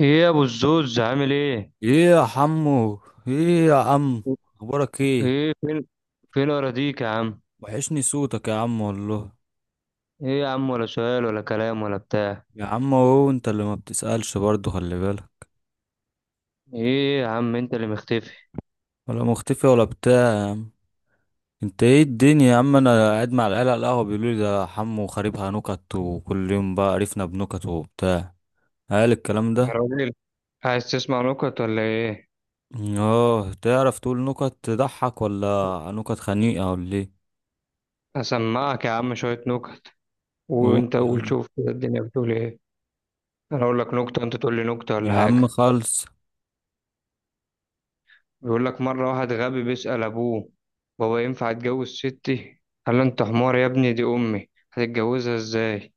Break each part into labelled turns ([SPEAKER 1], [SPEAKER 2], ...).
[SPEAKER 1] ايه يا ابو الزوز عامل ايه؟
[SPEAKER 2] ايه يا عمو. ايه يا عم، اخبارك ايه؟
[SPEAKER 1] ايه فين؟ فين اراضيك يا عم؟
[SPEAKER 2] وحشني صوتك يا عم والله.
[SPEAKER 1] ايه يا عم، ولا سؤال ولا كلام ولا بتاع؟
[SPEAKER 2] يا عم اهو انت اللي ما بتسألش برضه، خلي بالك.
[SPEAKER 1] ايه يا عم انت اللي مختفي.
[SPEAKER 2] ولا مختفي ولا بتاع يا عم. انت ايه الدنيا يا عم؟ انا قاعد مع العيال على القهوة بيقولوا لي ده حمو خاربها نكت، وكل يوم بقى عرفنا بنكت وبتاع. قال الكلام
[SPEAKER 1] يا
[SPEAKER 2] ده.
[SPEAKER 1] راجل، عايز تسمع نكت ولا ايه؟
[SPEAKER 2] اه، تعرف تقول نكت تضحك ولا نكت خنيقة ولا ايه؟
[SPEAKER 1] اسمعك يا عم شوية نكت،
[SPEAKER 2] قول
[SPEAKER 1] وانت
[SPEAKER 2] يا
[SPEAKER 1] قول
[SPEAKER 2] عم.
[SPEAKER 1] شوف كده الدنيا بتقول ايه. انا اقول لك نكتة انت تقول لي نكتة ولا
[SPEAKER 2] يا عم
[SPEAKER 1] حاجة.
[SPEAKER 2] خالص.
[SPEAKER 1] بيقول لك مرة واحد غبي بيسأل ابوه: بابا ينفع اتجوز ستي؟ قال له: انت حمار يا ابني، دي امي هتتجوزها ازاي؟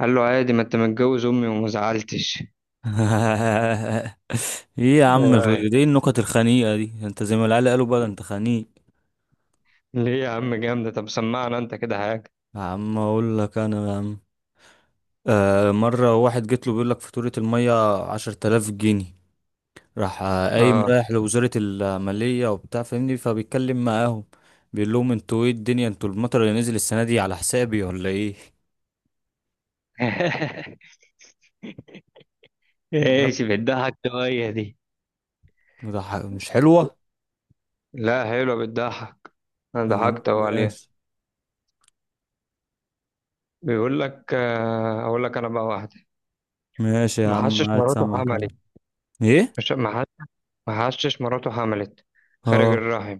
[SPEAKER 1] قال له: عادي، ما انت متجوز امي وما زعلتش.
[SPEAKER 2] ايه يا
[SPEAKER 1] إيه
[SPEAKER 2] عم
[SPEAKER 1] رأيك؟
[SPEAKER 2] ايه النكت الخنيقة دي؟ انت زي ما العيال قالوا بقى انت خنيق.
[SPEAKER 1] ليه يا عم جامدة، طب سمعنا انت كده حاجة.
[SPEAKER 2] يا عم اقول لك انا يا عم. آه، مرة واحد جيت له بيقول لك فاتورة المية 10,000 جنيه. راح قايم
[SPEAKER 1] اه.
[SPEAKER 2] رايح لوزارة المالية وبتاع، فاهمني، فبيتكلم معاهم. بيقول لهم انتوا ايه الدنيا؟ انتوا المطر اللي نزل السنة دي على حسابي ولا ايه؟ لا،
[SPEAKER 1] ايش بتضحك شوية دي؟
[SPEAKER 2] ده مش حلوة.
[SPEAKER 1] لا حلوة بتضحك، انا
[SPEAKER 2] يا عم
[SPEAKER 1] ضحكت اهو عليها.
[SPEAKER 2] ماشي.
[SPEAKER 1] بيقول لك اقول لك انا بقى واحدة.
[SPEAKER 2] ماشي يا عم،
[SPEAKER 1] محشش
[SPEAKER 2] قاعد
[SPEAKER 1] مراته
[SPEAKER 2] سامعك أنا.
[SPEAKER 1] حملت.
[SPEAKER 2] ايه؟
[SPEAKER 1] مش محش- محشش مراته حملت خارج
[SPEAKER 2] اه.
[SPEAKER 1] الرحم.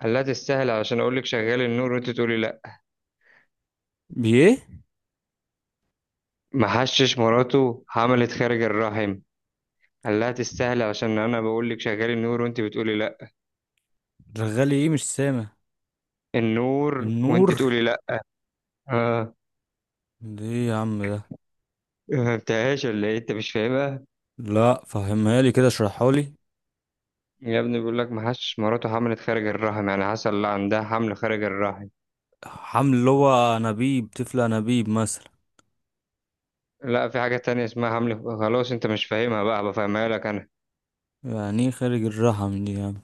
[SPEAKER 1] قال لها: تستاهل، علشان اقول لك شغال النور وانت تقولي لا.
[SPEAKER 2] بيه.
[SPEAKER 1] محشش مراته حملت خارج الرحم. قال لها: تستاهل، علشان انا بقول لك شغال النور وانت بتقولي لا.
[SPEAKER 2] رغالي ايه؟ مش سامع.
[SPEAKER 1] النور وانت
[SPEAKER 2] النور.
[SPEAKER 1] تقولي لا. آه.
[SPEAKER 2] ليه يا عم ده؟
[SPEAKER 1] ما فهمتهاش ولا ايه؟ انت مش فاهمها.
[SPEAKER 2] لا، فهمها لي كده، اشرحها لي.
[SPEAKER 1] يا ابني بيقول لك ما حدش مراته حملت خارج الرحم، يعني حصل لا عندها حمل خارج الرحم.
[SPEAKER 2] حمل اللي هو انابيب، طفل انابيب مثلا.
[SPEAKER 1] لا في حاجة تانية اسمها حمل، خلاص انت مش فاهمها بقى، بفهمها لك انا.
[SPEAKER 2] يعني ايه خارج الرحم دي يا عم؟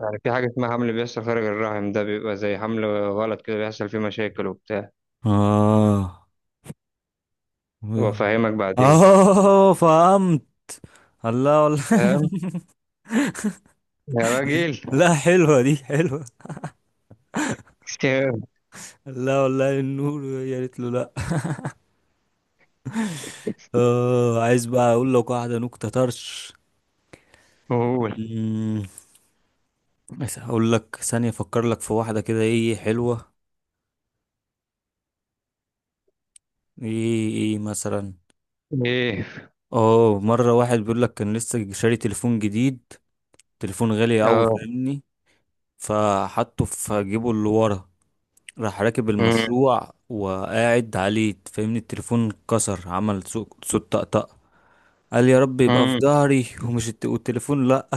[SPEAKER 1] يعني في حاجة اسمها حمل بيحصل خارج الرحم، ده بيبقى زي حمل غلط كده، بيحصل فيه مشاكل وبتاع.
[SPEAKER 2] اه.
[SPEAKER 1] وافهمك بعدين.
[SPEAKER 2] اه فهمت. الله والله.
[SPEAKER 1] تمام. يا راجل.
[SPEAKER 2] لا حلوه، دي حلوه.
[SPEAKER 1] تمام.
[SPEAKER 2] لا والله النور يا ريت له، لا. اه، عايز بقى اقول لك واحده نكته طرش.
[SPEAKER 1] قول.
[SPEAKER 2] أمم، بس هقول لك ثانيه افكر لك في واحده كده. ايه، إيه حلوه. ايه ايه مثلا.
[SPEAKER 1] ايه.
[SPEAKER 2] اه، مرة واحد بيقول لك كان لسه شاري تليفون جديد، تليفون غالي قوي،
[SPEAKER 1] اه.
[SPEAKER 2] فاهمني، فحطه في جيبه اللي ورا. راح راكب
[SPEAKER 1] أمم.
[SPEAKER 2] المشروع وقاعد عليه، فاهمني، التليفون اتكسر، عمل صوت طقطقة. قال يا رب يبقى في
[SPEAKER 1] أمم.
[SPEAKER 2] ظهري ومش والتليفون لأ.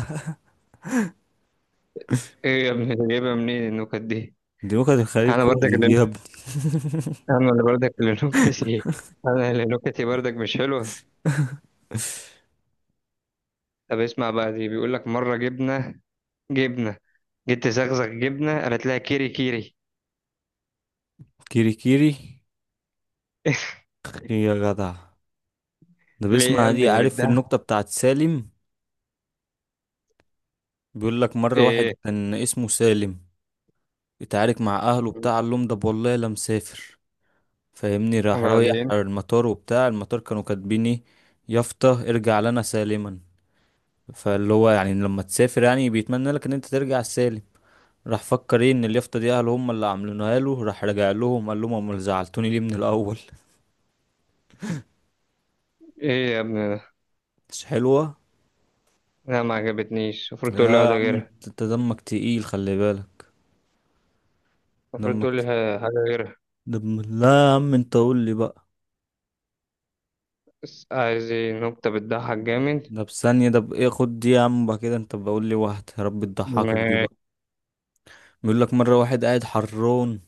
[SPEAKER 1] ايه يا ابني جايبها منين النكت دي؟
[SPEAKER 2] دي نكت الخليل
[SPEAKER 1] انا برضك
[SPEAKER 2] كوميدي
[SPEAKER 1] اللي
[SPEAKER 2] دي يا ابني.
[SPEAKER 1] انا اللي برضك اللي نكتي انا اللي نكتي برضك مش حلوة. طب اسمع بقى دي، بيقول لك مرة جبنة. جبنة جيت تزغزغ جبنة، قالت لها: كيري كيري.
[SPEAKER 2] كيري كيري. يا جدع. ده
[SPEAKER 1] ليه يا
[SPEAKER 2] بيسمع دي؟
[SPEAKER 1] ابني
[SPEAKER 2] عارف
[SPEAKER 1] ده؟
[SPEAKER 2] النكتة بتاعت سالم؟ بيقول لك مرة واحد
[SPEAKER 1] ايه.
[SPEAKER 2] كان اسمه سالم، اتعارك مع أهله بتاع قال لهم ده والله لا مسافر، فاهمني، راح رايح
[SPEAKER 1] وبعدين.
[SPEAKER 2] المطار وبتاع. المطار كانوا كاتبين ايه؟ يافطة: ارجع لنا سالما. فاللي هو يعني لما تسافر يعني بيتمنى لك ان انت ترجع سالم. راح فكر ايه، ان اليافطة دي اهله هم اللي عاملينها له. راح رجع لهم قال لهم امال زعلتوني ليه من الاول؟
[SPEAKER 1] ايه يا ابني ده؟
[SPEAKER 2] مش حلوة.
[SPEAKER 1] لا ما عجبتنيش، المفروض تقول لي
[SPEAKER 2] لا يا
[SPEAKER 1] واحدة
[SPEAKER 2] عم
[SPEAKER 1] غيرها.
[SPEAKER 2] انت أنت دمك تقيل، خلي بالك.
[SPEAKER 1] المفروض
[SPEAKER 2] دمك
[SPEAKER 1] تقول لي
[SPEAKER 2] ت-
[SPEAKER 1] حاجة غيرها.
[SPEAKER 2] دم، لا يا عم انت قول لي بقى.
[SPEAKER 1] بس عايز ايه؟ نكتة بتضحك جامد.
[SPEAKER 2] ده بثانية، ده بإيه، خد دي يا عم بقى. كده انت بقول لي واحد يا رب تضحكك دي
[SPEAKER 1] ماشي.
[SPEAKER 2] بقى. بيقول لك مرة واحد قاعد حران،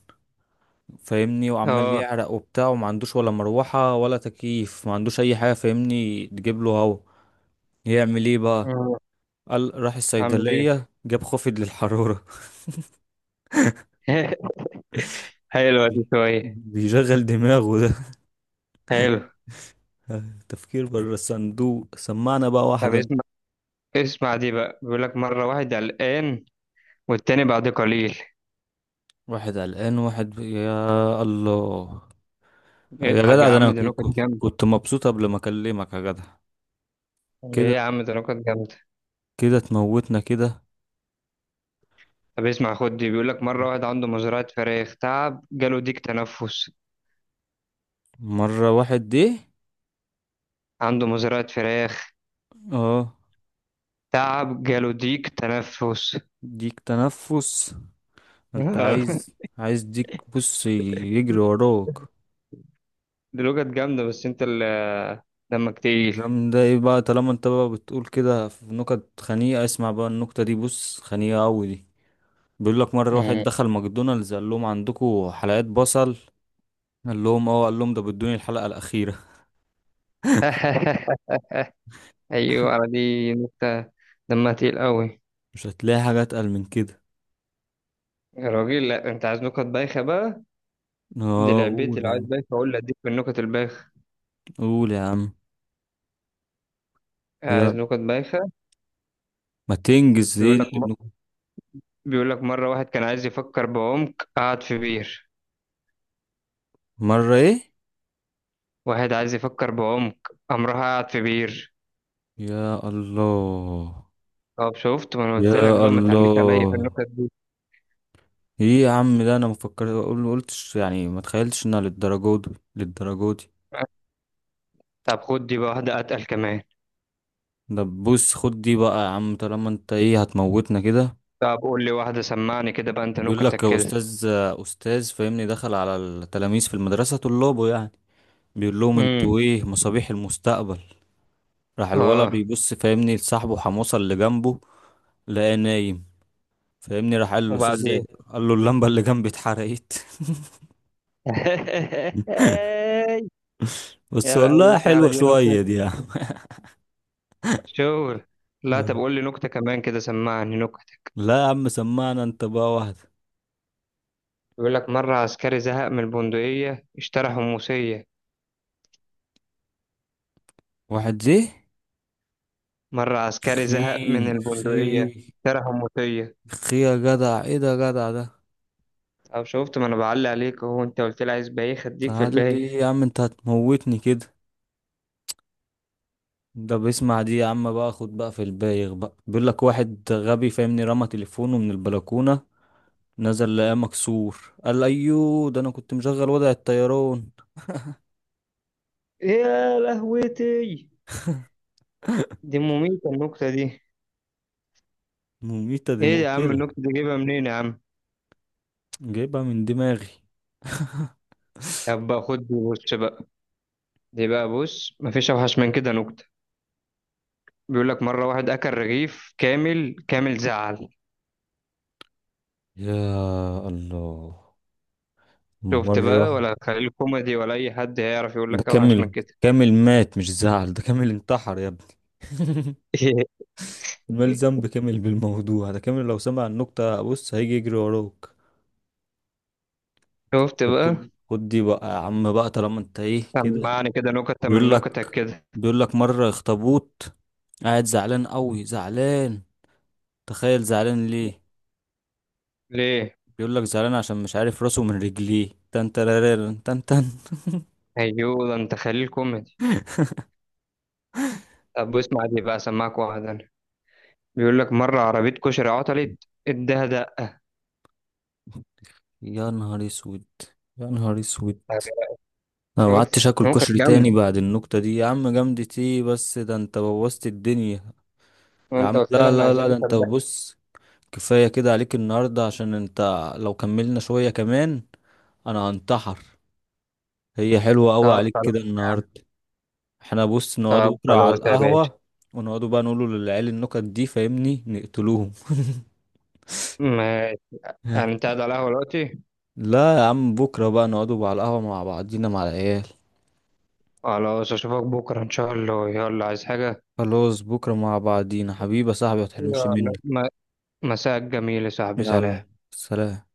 [SPEAKER 2] فاهمني، وعمال
[SPEAKER 1] اه.
[SPEAKER 2] يعرق وبتاع، وما عندوش ولا مروحة ولا تكييف، ما عندوش اي حاجة، فاهمني، تجيب له هوا. يعمل ايه بقى؟
[SPEAKER 1] آه.
[SPEAKER 2] قال راح
[SPEAKER 1] عامل ايه.
[SPEAKER 2] الصيدلية جاب خافض للحرارة.
[SPEAKER 1] حلوة دي شوية.
[SPEAKER 2] بيشغل دماغه ده.
[SPEAKER 1] حلو.
[SPEAKER 2] تفكير بره الصندوق. سمعنا بقى
[SPEAKER 1] طب
[SPEAKER 2] واحدا.
[SPEAKER 1] اسمع، اسمع دي بقى، بيقول لك مرة واحد قلقان، والتاني بعد قليل.
[SPEAKER 2] واحد قلقان، يا الله. يا
[SPEAKER 1] اضحك
[SPEAKER 2] جدع،
[SPEAKER 1] يا
[SPEAKER 2] ده انا
[SPEAKER 1] عم، ده نكت جامدة.
[SPEAKER 2] كنت مبسوط قبل ما اكلمك يا جدع.
[SPEAKER 1] ليه
[SPEAKER 2] كده،
[SPEAKER 1] يا عم؟ ده نكت جامدة.
[SPEAKER 2] كده تموتنا كده.
[SPEAKER 1] طب اسمع خد دي، بيقول لك مرة واحد عنده مزرعة فراخ، تعب جاله ديك تنفس.
[SPEAKER 2] مرة واحد دي.
[SPEAKER 1] عنده مزرعة فراخ،
[SPEAKER 2] اه.
[SPEAKER 1] تعب جاله ديك تنفس.
[SPEAKER 2] ديك تنفس؟ انت عايز، ديك بص يجري وراك.
[SPEAKER 1] دي لغة جامدة، بس انت اللي دمك تقيل.
[SPEAKER 2] جامدة ايه بقى؟ طالما انت بقى بتقول كده في نكت خنيقة، اسمع بقى النكتة دي، بص خنيقة اوي دي. بيقول لك مرة واحد
[SPEAKER 1] مم.
[SPEAKER 2] دخل ماكدونالدز قال لهم عندكم حلقات بصل؟ قال لهم اه. قال لهم ده بدوني الحلقة الأخيرة.
[SPEAKER 1] ايوه على دي نكتة، دمها تقيل قوي.
[SPEAKER 2] مش هتلاقي حاجة أتقل من كده.
[SPEAKER 1] يا راجل، لا انت عايز نكت بايخة بقى؟ دي
[SPEAKER 2] اه
[SPEAKER 1] لعبتي،
[SPEAKER 2] قول يا
[SPEAKER 1] لو عايز
[SPEAKER 2] عم.
[SPEAKER 1] بايخة اقول لك، اديك في النكت البايخة.
[SPEAKER 2] قول يا عم.
[SPEAKER 1] عايز
[SPEAKER 2] يا،
[SPEAKER 1] نكت بايخة.
[SPEAKER 2] ما تنجز ايه
[SPEAKER 1] بيقول لك
[SPEAKER 2] اللي
[SPEAKER 1] م...
[SPEAKER 2] بنقول.
[SPEAKER 1] بيقول لك مرة واحد كان عايز يفكر بعمق، قعد في بير.
[SPEAKER 2] مرة ايه؟
[SPEAKER 1] واحد عايز يفكر بعمق، قام راح قاعد في بير.
[SPEAKER 2] يا الله.
[SPEAKER 1] طب شفت، ما انا قلت لك
[SPEAKER 2] يا
[SPEAKER 1] بقى ما تعليش عليا في
[SPEAKER 2] الله.
[SPEAKER 1] النكت دي.
[SPEAKER 2] ايه يا عم ده، انا ما فكرت اقول قلتش يعني، ما تخيلتش انها للدرجه دي، للدرجه دي.
[SPEAKER 1] طب خد دي بقى، واحدة اتقل كمان.
[SPEAKER 2] ده بص، خد دي بقى يا عم، طالما انت ايه هتموتنا كده.
[SPEAKER 1] طب قول لي واحدة، سمعني كده بقى انت
[SPEAKER 2] بيقول لك
[SPEAKER 1] نكتك
[SPEAKER 2] يا
[SPEAKER 1] كده.
[SPEAKER 2] استاذ، استاذ فاهمني دخل على التلاميذ في المدرسه، طلابه يعني، بيقول لهم
[SPEAKER 1] امم.
[SPEAKER 2] انتوا ايه مصابيح المستقبل. راح الولد
[SPEAKER 1] اه.
[SPEAKER 2] بيبص فاهمني لصاحبه حموصه اللي جنبه، لقاه نايم. فاهمني راح قال له استاذ إيه؟
[SPEAKER 1] وبعدين.
[SPEAKER 2] قال له اللمبه اللي جنبي اتحرقت. بس
[SPEAKER 1] يا
[SPEAKER 2] والله
[SPEAKER 1] لهوتي على
[SPEAKER 2] حلوه
[SPEAKER 1] دي نكت!
[SPEAKER 2] شويه دي يا عم.
[SPEAKER 1] شغل. لا طب قول لي نكتة كمان كده، سمعني نكتة.
[SPEAKER 2] لا يا عم، سمعنا انت بقى واحده.
[SPEAKER 1] بيقول لك مرة عسكري زهق من البندقية اشترى حموسية.
[SPEAKER 2] واحد زي.
[SPEAKER 1] مرة عسكري
[SPEAKER 2] خي.
[SPEAKER 1] زهق من
[SPEAKER 2] خي.
[SPEAKER 1] البندقية اشترى حموسية.
[SPEAKER 2] خي يا جدع، ايه ده يا جدع ده.
[SPEAKER 1] او شفت، ما انا بعلق عليك اهو، انت قلت لي عايز بايخ، اديك في
[SPEAKER 2] تعال لي
[SPEAKER 1] البايخ.
[SPEAKER 2] يا عم، انت هتموتني كده. ده بيسمع دي يا عم بقى، خد بقى في البايغ بقى. بيقول لك واحد غبي فاهمني رمى تليفونه من البلكونة. نزل لقاه مكسور قال ايوه، ده انا كنت مشغل وضع الطيران.
[SPEAKER 1] يا لهوتي، دي مميتة النكتة دي.
[SPEAKER 2] مميتة دي،
[SPEAKER 1] ايه يا عم
[SPEAKER 2] مقتلة.
[SPEAKER 1] النكتة دي جايبها منين يا عم؟
[SPEAKER 2] جايبها من دماغي.
[SPEAKER 1] طب بقى خد دي بص بقى. دي بقى بص مفيش اوحش من كده نكتة. بيقول لك مرة واحد اكل رغيف كامل، كامل زعل.
[SPEAKER 2] يا الله.
[SPEAKER 1] شفت
[SPEAKER 2] مرة.
[SPEAKER 1] بقى؟ ولا خليل كوميدي ولا اي حد هيعرف يقول
[SPEAKER 2] ده
[SPEAKER 1] لك اوحش من
[SPEAKER 2] كامل.
[SPEAKER 1] كده.
[SPEAKER 2] كامل مات مش زعل. ده كامل انتحر يا ابني. مال ذنب كامل بالموضوع ده؟ كامل لو سمع النكتة بص هيجي يجري وراك.
[SPEAKER 1] شفت
[SPEAKER 2] طب
[SPEAKER 1] بقى؟
[SPEAKER 2] خد، دي بقى يا عم بقى، طالما انت ايه كده.
[SPEAKER 1] سمعني كده نكتة من
[SPEAKER 2] بيقول لك
[SPEAKER 1] نكتك كده.
[SPEAKER 2] بيقول لك مرة اخطبوط قاعد زعلان قوي، زعلان. تخيل، زعلان ليه؟
[SPEAKER 1] ليه.
[SPEAKER 2] بيقول لك زعلان عشان مش عارف راسه من رجليه. تن ترارارن، تن تن.
[SPEAKER 1] ايوه، ده انت خليل كوميدي. طب اسمع دي بقى، سمعك واحد انا. بيقول لك مرة عربية كشري عطلت اداها دقة.
[SPEAKER 2] يا نهار اسود. يا نهار اسود.
[SPEAKER 1] طب يا-
[SPEAKER 2] انا ما قعدتش
[SPEAKER 1] شفت
[SPEAKER 2] اكل
[SPEAKER 1] نكت
[SPEAKER 2] كشري تاني
[SPEAKER 1] جامدة.
[SPEAKER 2] بعد النكتة دي يا عم. جامدة ايه بس، ده انت بوظت الدنيا. يا
[SPEAKER 1] وانت
[SPEAKER 2] عم
[SPEAKER 1] قلت لي
[SPEAKER 2] لا
[SPEAKER 1] احنا
[SPEAKER 2] لا
[SPEAKER 1] عايزين
[SPEAKER 2] لا، ده
[SPEAKER 1] نكت
[SPEAKER 2] انت
[SPEAKER 1] دقة.
[SPEAKER 2] بص، كفاية كده عليك النهاردة، عشان انت لو كملنا شوية كمان انا هنتحر. هي حلوة قوي
[SPEAKER 1] طب
[SPEAKER 2] عليك
[SPEAKER 1] خلاص
[SPEAKER 2] كده
[SPEAKER 1] يا عم.
[SPEAKER 2] النهاردة. احنا بص نقعدوا
[SPEAKER 1] طب
[SPEAKER 2] بكرة على
[SPEAKER 1] خلاص يا باشا.
[SPEAKER 2] القهوة، ونقعدوا بقى نقولوا للعيال النكت دي فاهمني، نقتلوهم.
[SPEAKER 1] ماشي. يعني انت قاعد على القهوة دلوقتي؟
[SPEAKER 2] لا يا عم، بكرة بقى نقعدوا بقى على القهوة مع بعضينا مع العيال.
[SPEAKER 1] خلاص اشوفك بكرة ان شاء الله، يلا عايز حاجة؟
[SPEAKER 2] خلاص، بكرة مع بعضينا حبيبي يا صاحبي، متحرمش مني.
[SPEAKER 1] يلا م- مساء جميل يا صاحبي، سلام.
[SPEAKER 2] يلا سلام.